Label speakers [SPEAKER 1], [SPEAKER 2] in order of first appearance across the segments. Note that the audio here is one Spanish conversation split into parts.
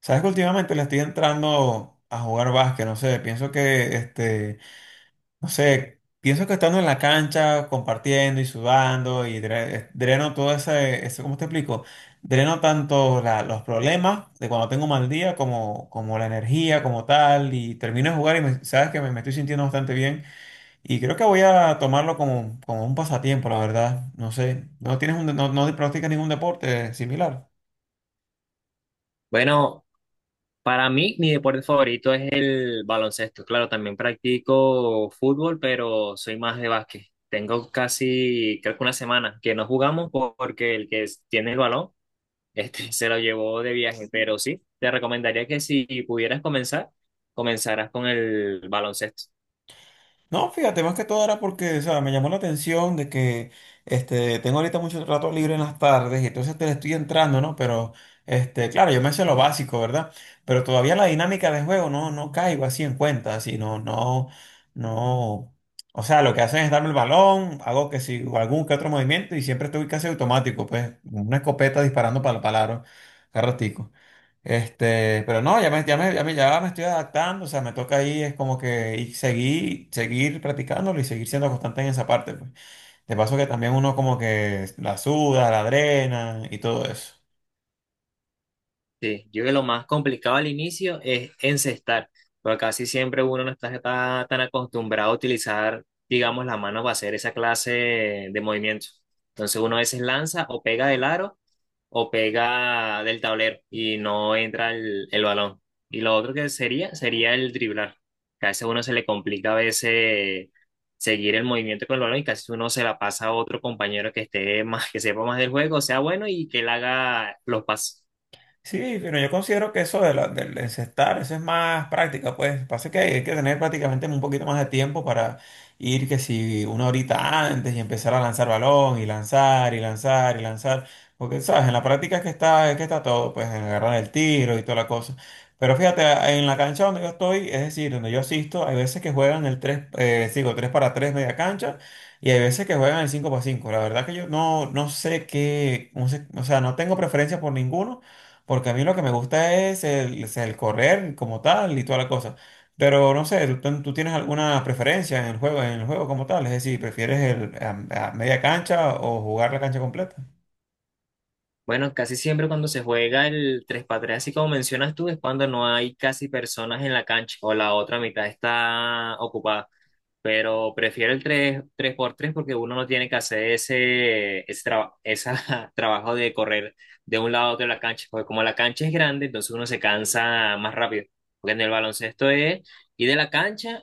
[SPEAKER 1] Sabes que últimamente le estoy entrando a jugar básquet, no sé, pienso que, no sé, pienso que estando en la cancha, compartiendo y sudando y dreno todo ¿cómo te explico? Dreno tanto los problemas de cuando tengo mal día como, la energía como tal y termino de jugar y sabes que me estoy sintiendo bastante bien y creo que voy a tomarlo como un pasatiempo, la verdad, no sé, ¿no tienes un, de- no, no practicas ningún deporte similar?
[SPEAKER 2] Bueno, para mí mi deporte favorito es el baloncesto. Claro, también practico fútbol, pero soy más de básquet. Tengo casi, creo que una semana que no jugamos porque tiene el balón, se lo llevó de viaje. Pero sí, te recomendaría que si pudieras comenzar, comenzaras con el baloncesto.
[SPEAKER 1] No, fíjate, más que todo era porque, o sea, me llamó la atención de que tengo ahorita mucho rato libre en las tardes y entonces te le estoy entrando, ¿no? Pero, claro, yo me sé lo básico, ¿verdad? Pero todavía la dinámica de juego no caigo así en cuenta, así, no, no, no. O sea, lo que hacen es darme el balón, hago que si algún que otro movimiento y siempre estoy casi automático, pues, una escopeta disparando para el palaro, cada ratico. Pero no, ya me estoy adaptando, o sea, me toca ahí, es como que y seguir practicándolo y seguir siendo constante en esa parte, pues. De paso que también uno como que la suda, la drena y todo eso.
[SPEAKER 2] Sí, yo creo que lo más complicado al inicio es encestar, porque casi siempre uno no está, está tan acostumbrado a utilizar, digamos, la mano para hacer esa clase de movimientos. Entonces uno a veces lanza o pega del aro o pega del tablero y no entra el balón. Y lo otro que sería, sería el driblar. Que a veces uno se le complica a veces seguir el movimiento con el balón y casi uno se la pasa a otro compañero que esté más, que sepa más del juego, sea bueno y que él haga los pases.
[SPEAKER 1] Sí, pero yo considero que eso de del encestar, eso es más práctica, pues. Pasa que hay que tener prácticamente un poquito más de tiempo para ir que si una horita antes y empezar a lanzar balón y lanzar y lanzar y lanzar. Porque, ¿sabes? En la práctica es que está todo, pues, en agarrar el tiro y toda la cosa. Pero fíjate, en la cancha donde yo estoy, es decir, donde yo asisto, hay veces que juegan el 3 para 3 media cancha y hay veces que juegan el 5 para cinco. La verdad que yo no, no sé qué, no sé, o sea, no tengo preferencia por ninguno. Porque a mí lo que me gusta es el correr como tal y toda la cosa. Pero no sé, ¿tú tienes alguna preferencia en el juego como tal? Es decir, ¿prefieres el, a media cancha o jugar la cancha completa?
[SPEAKER 2] Bueno, casi siempre cuando se juega el tres x 3 así como mencionas tú, es cuando no hay casi personas en la cancha o la otra mitad está ocupada. Pero prefiero el tres por 3 porque uno no tiene que hacer esa trabajo de correr de un lado a otro de la cancha. Porque como la cancha es grande, entonces uno se cansa más rápido. Porque en el baloncesto es ir de la cancha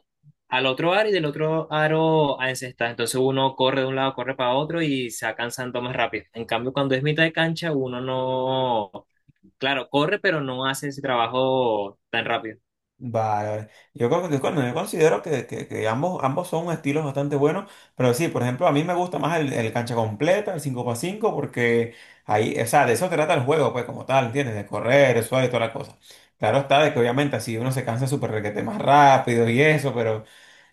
[SPEAKER 2] al otro aro y del otro aro a encestar. Entonces uno corre de un lado, corre para otro y se va cansando más rápido. En cambio, cuando es mitad de cancha, uno no, claro, corre, pero no hace ese trabajo tan rápido.
[SPEAKER 1] Vale, vale. Yo, bueno, yo considero que, que ambos, ambos son estilos bastante buenos, pero sí, por ejemplo, a mí me gusta más el cancha completa, el cinco x cinco porque ahí, o sea, de eso trata el juego, pues como tal, ¿entiendes? De correr, el suave y toda la cosa. Claro está de que obviamente así uno se cansa súper requete más rápido y eso.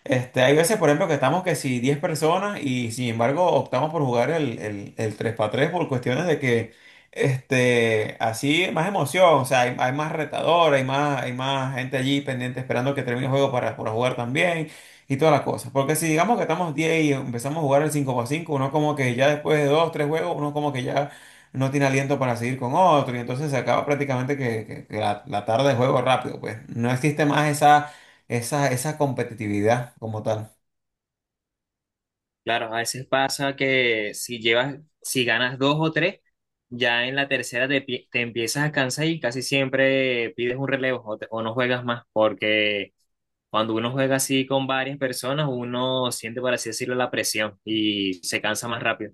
[SPEAKER 1] Hay veces, por ejemplo, que estamos que si 10 personas y sin embargo optamos por jugar el 3x3 por cuestiones de que así más emoción, o sea, hay más retador, hay, más, hay más gente allí pendiente esperando que termine el juego para jugar también y todas las cosas. Porque si digamos que estamos 10 y empezamos a jugar el cinco para cinco, uno como que ya después de 2 3 juegos, uno como que ya no tiene aliento para seguir con otro y entonces se acaba prácticamente que la tarde de juego rápido, pues no existe más esa competitividad como tal.
[SPEAKER 2] Claro, a veces pasa que si llevas, si ganas dos o tres, ya en la tercera te empiezas a cansar y casi siempre pides un relevo o no juegas más, porque cuando uno juega así con varias personas, uno siente, por así decirlo, la presión y se cansa más rápido.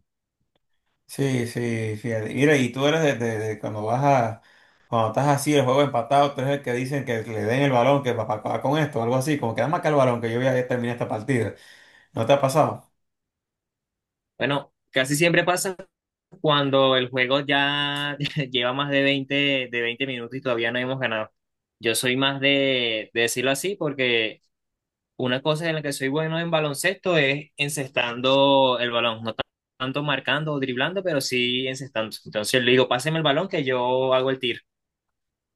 [SPEAKER 1] Sí, sí, fíjate. Mira, y tú eres de cuando vas a, cuando estás así, el juego empatado, tú eres el que dicen que le den el balón, que papá acaba con esto, algo así, como que dame acá el balón, que yo voy a terminar esta partida. ¿No te ha pasado?
[SPEAKER 2] Bueno, casi siempre pasa cuando el juego ya lleva más de 20 minutos y todavía no hemos ganado. Yo soy más de decirlo así porque una cosa en la que soy bueno en baloncesto es encestando el balón, no tan- tanto marcando o driblando, pero sí encestando. Entonces le digo, páseme el balón que yo hago el tiro.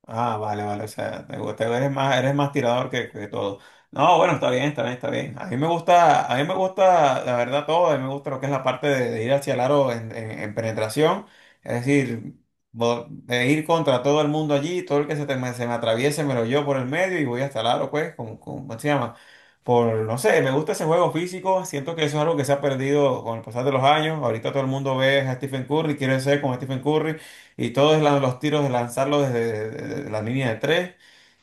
[SPEAKER 1] Ah, vale, vale, o sea, te gusta, eres más tirador que todo. No, bueno, está bien, está bien, está bien. A mí me gusta, a mí me gusta, la verdad, todo, a mí me gusta lo que es la parte de ir hacia el aro en penetración, es decir, de ir contra todo el mundo allí, todo el que se, se me atraviese me lo llevo por el medio y voy hasta el aro, pues, como, ¿cómo se llama? Por, no sé, me gusta ese juego físico, siento que eso es algo que se ha perdido con el pasar de los años, ahorita todo el mundo ve a Stephen Curry, quiere ser como Stephen Curry, y todos los tiros de lanzarlo desde desde la línea de tres.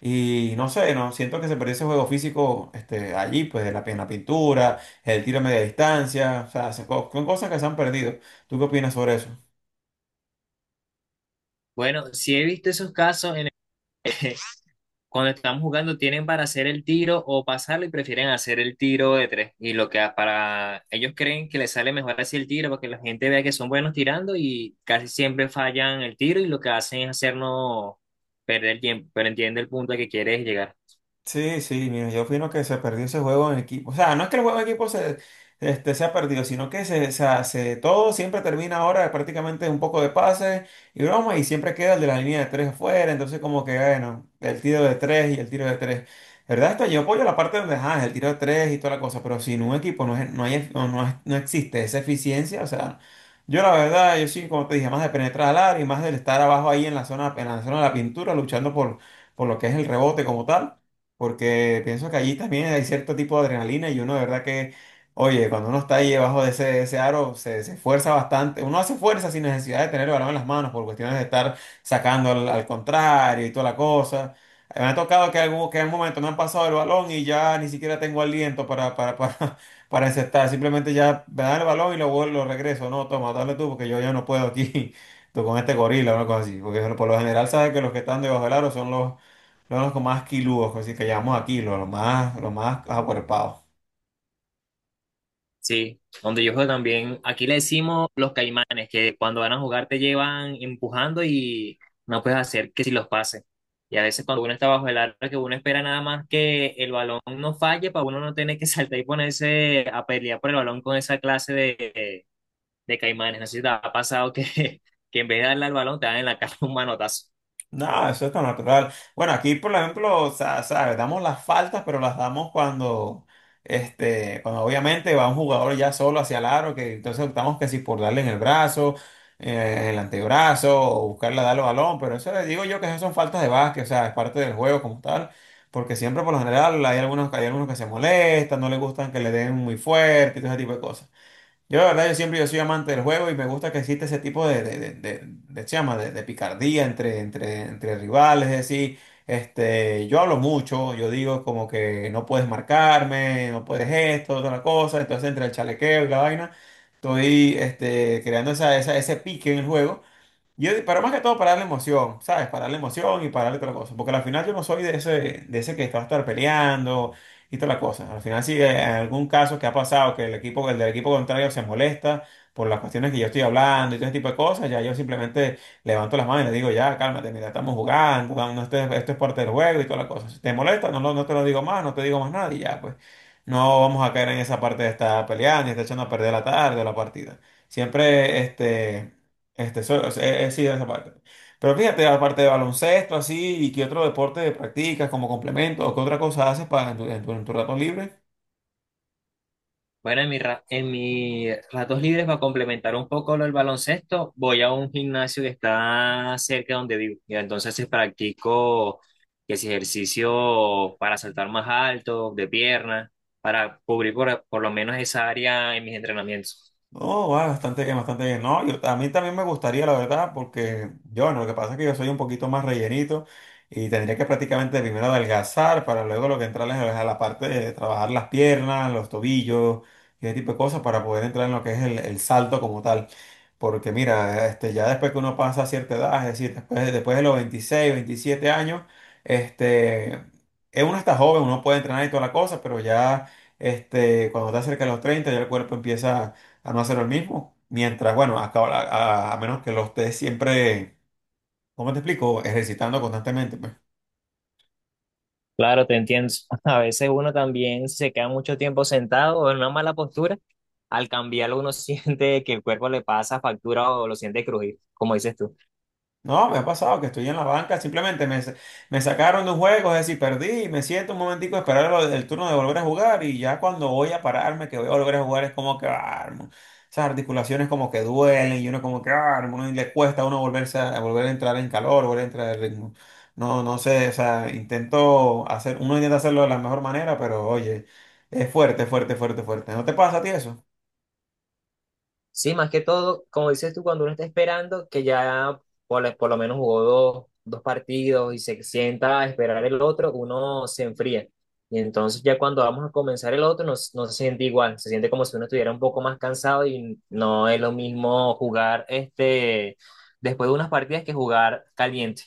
[SPEAKER 1] Y no sé, no siento que se perdió ese juego físico, allí, pues de en la pintura, el tiro a media distancia, o sea, son cosas que se han perdido. ¿Tú qué opinas sobre eso?
[SPEAKER 2] Bueno, sí he visto esos casos en el que cuando estamos jugando tienen para hacer el tiro o pasarlo y prefieren hacer el tiro de tres. Y lo que para ellos creen que les sale mejor así el tiro, porque la gente vea que son buenos tirando y casi siempre fallan el tiro y lo que hacen es hacernos perder tiempo, pero entiende el punto al que quieres llegar.
[SPEAKER 1] Sí, sí, mira, yo opino que se perdió ese juego en equipo. O sea, no es que el juego en equipo se, se ha perdido, sino que se, o sea, todo siempre termina ahora prácticamente un poco de pases y broma, y siempre queda el de la línea de tres afuera. Entonces, como que, bueno, el tiro de tres y el tiro de tres. La ¿Verdad? Esto yo apoyo la parte donde, ah, el tiro de tres y toda la cosa, pero sin un equipo no, no, hay, no, no existe esa eficiencia. O sea, yo la verdad, yo sí, como te dije, más de penetrar al área y más del estar abajo ahí en la zona de la pintura, luchando por lo que es el rebote como tal, porque pienso que allí también hay cierto tipo de adrenalina y uno de verdad que, oye, cuando uno está ahí debajo de ese aro, se esfuerza bastante, uno hace fuerza sin necesidad de tener el balón en las manos por cuestiones de estar sacando al, al contrario y toda la cosa. Me ha tocado que, que en un momento me han pasado el balón y ya ni siquiera tengo aliento para, para encestar. Simplemente ya me dan el balón y lo regreso. No, toma, dale tú porque yo ya no puedo aquí. Tú con este gorila o una cosa así. Porque por lo general sabes que los que están debajo del aro son los más quiludos, así que llamamos a kilo, los más acuerpados.
[SPEAKER 2] Sí, donde yo juego también, aquí le decimos los caimanes, que cuando van a jugar te llevan empujando y no puedes hacer que si los pases. Y a veces cuando uno está bajo el arco, que uno espera nada más que el balón no falle para uno no tener que saltar y ponerse a pelear por el balón con esa clase de caimanes. No sé si te ha pasado que, que en vez de darle al balón te dan en la cara un manotazo.
[SPEAKER 1] No, eso es tan natural. Bueno, aquí, por ejemplo, o sea, ¿sabes? Damos las faltas, pero las damos cuando, cuando obviamente va un jugador ya solo hacia el aro, que entonces optamos que si por darle en el brazo, en el antebrazo, o buscarle a darle balón, pero eso, digo yo que esas son faltas de básquet, o sea, es parte del juego como tal, porque siempre por lo general hay algunos que se molestan, no les gustan que le den muy fuerte, y todo ese tipo de cosas. Yo, la verdad, yo siempre yo soy amante del juego y me gusta que existe ese tipo de de picardía entre, entre rivales. Es decir, yo hablo mucho, yo digo como que no puedes marcarme, no puedes esto, otra la cosa. Entonces, entre el chalequeo y la vaina, estoy, creando esa, ese pique en el juego. Yo, pero más que todo para darle emoción, ¿sabes? Para darle emoción y para darle otra cosa. Porque al final yo no soy de ese que está a estar peleando y toda la cosa. Al final, si en algún caso que ha pasado que el equipo, el del equipo contrario se molesta por las cuestiones que yo estoy hablando y todo ese tipo de cosas, ya yo simplemente levanto las manos y le digo, ya, cálmate, mira, estamos jugando, no, no, esto, esto es parte del juego y toda la cosa. Si te molesta, no, no te lo digo más, no te digo más nada y ya, pues. No vamos a caer en esa parte de estar peleando y estar echando a perder la tarde o la partida. Siempre, este. O sea, sí, en esa parte. Pero fíjate, aparte de baloncesto, así, ¿y qué otro deporte practicas como complemento o qué otra cosa haces para en tu rato libre?
[SPEAKER 2] Bueno, en en mis ratos libres, para complementar un poco lo del baloncesto, voy a un gimnasio que está cerca de donde vivo. Y entonces sí, practico que es ejercicio para saltar más alto, de pierna, para cubrir por lo menos esa área en mis entrenamientos.
[SPEAKER 1] No, va bastante bien, bastante bien. No, yo, a mí también me gustaría, la verdad, porque yo, bueno, lo que pasa es que yo soy un poquito más rellenito y tendría que prácticamente primero adelgazar para luego lo que entrarles es a la parte de trabajar las piernas, los tobillos y ese tipo de cosas para poder entrar en lo que es el salto como tal. Porque mira, ya después que uno pasa a cierta edad, es decir, después de los 26 27 años, este, uno está joven, uno puede entrenar y toda la cosa, pero ya, cuando está cerca de los 30 ya el cuerpo empieza a no hacer lo mismo. Mientras, bueno, a menos que lo estés siempre, ¿cómo te explico? Ejercitando constantemente, pues.
[SPEAKER 2] Claro, te entiendo. A veces uno también se queda mucho tiempo sentado o en una mala postura. Al cambiarlo uno siente que el cuerpo le pasa factura o lo siente crujir, como dices tú.
[SPEAKER 1] No, me ha pasado que estoy en la banca, simplemente me sacaron de un juego, es decir, perdí, me siento un momentico a esperar el turno de volver a jugar y ya cuando voy a pararme, que voy a volver a jugar, es como que, ah, hermano, esas articulaciones como que duelen y uno como que, ah, hermano, y le cuesta a uno volverse a volver a entrar en calor, volver a entrar en ritmo. No, no sé, o sea, intento hacer, uno intenta hacerlo de la mejor manera, pero oye, es fuerte, fuerte, fuerte, fuerte. ¿No te pasa a ti eso?
[SPEAKER 2] Sí, más que todo, como dices tú, cuando uno está esperando, que ya por lo menos jugó dos, dos partidos y se sienta a esperar el otro, uno se enfría. Y entonces ya cuando vamos a comenzar el otro, no, no se siente igual, se siente como si uno estuviera un poco más cansado y no es lo mismo jugar este, después de unas partidas que jugar caliente.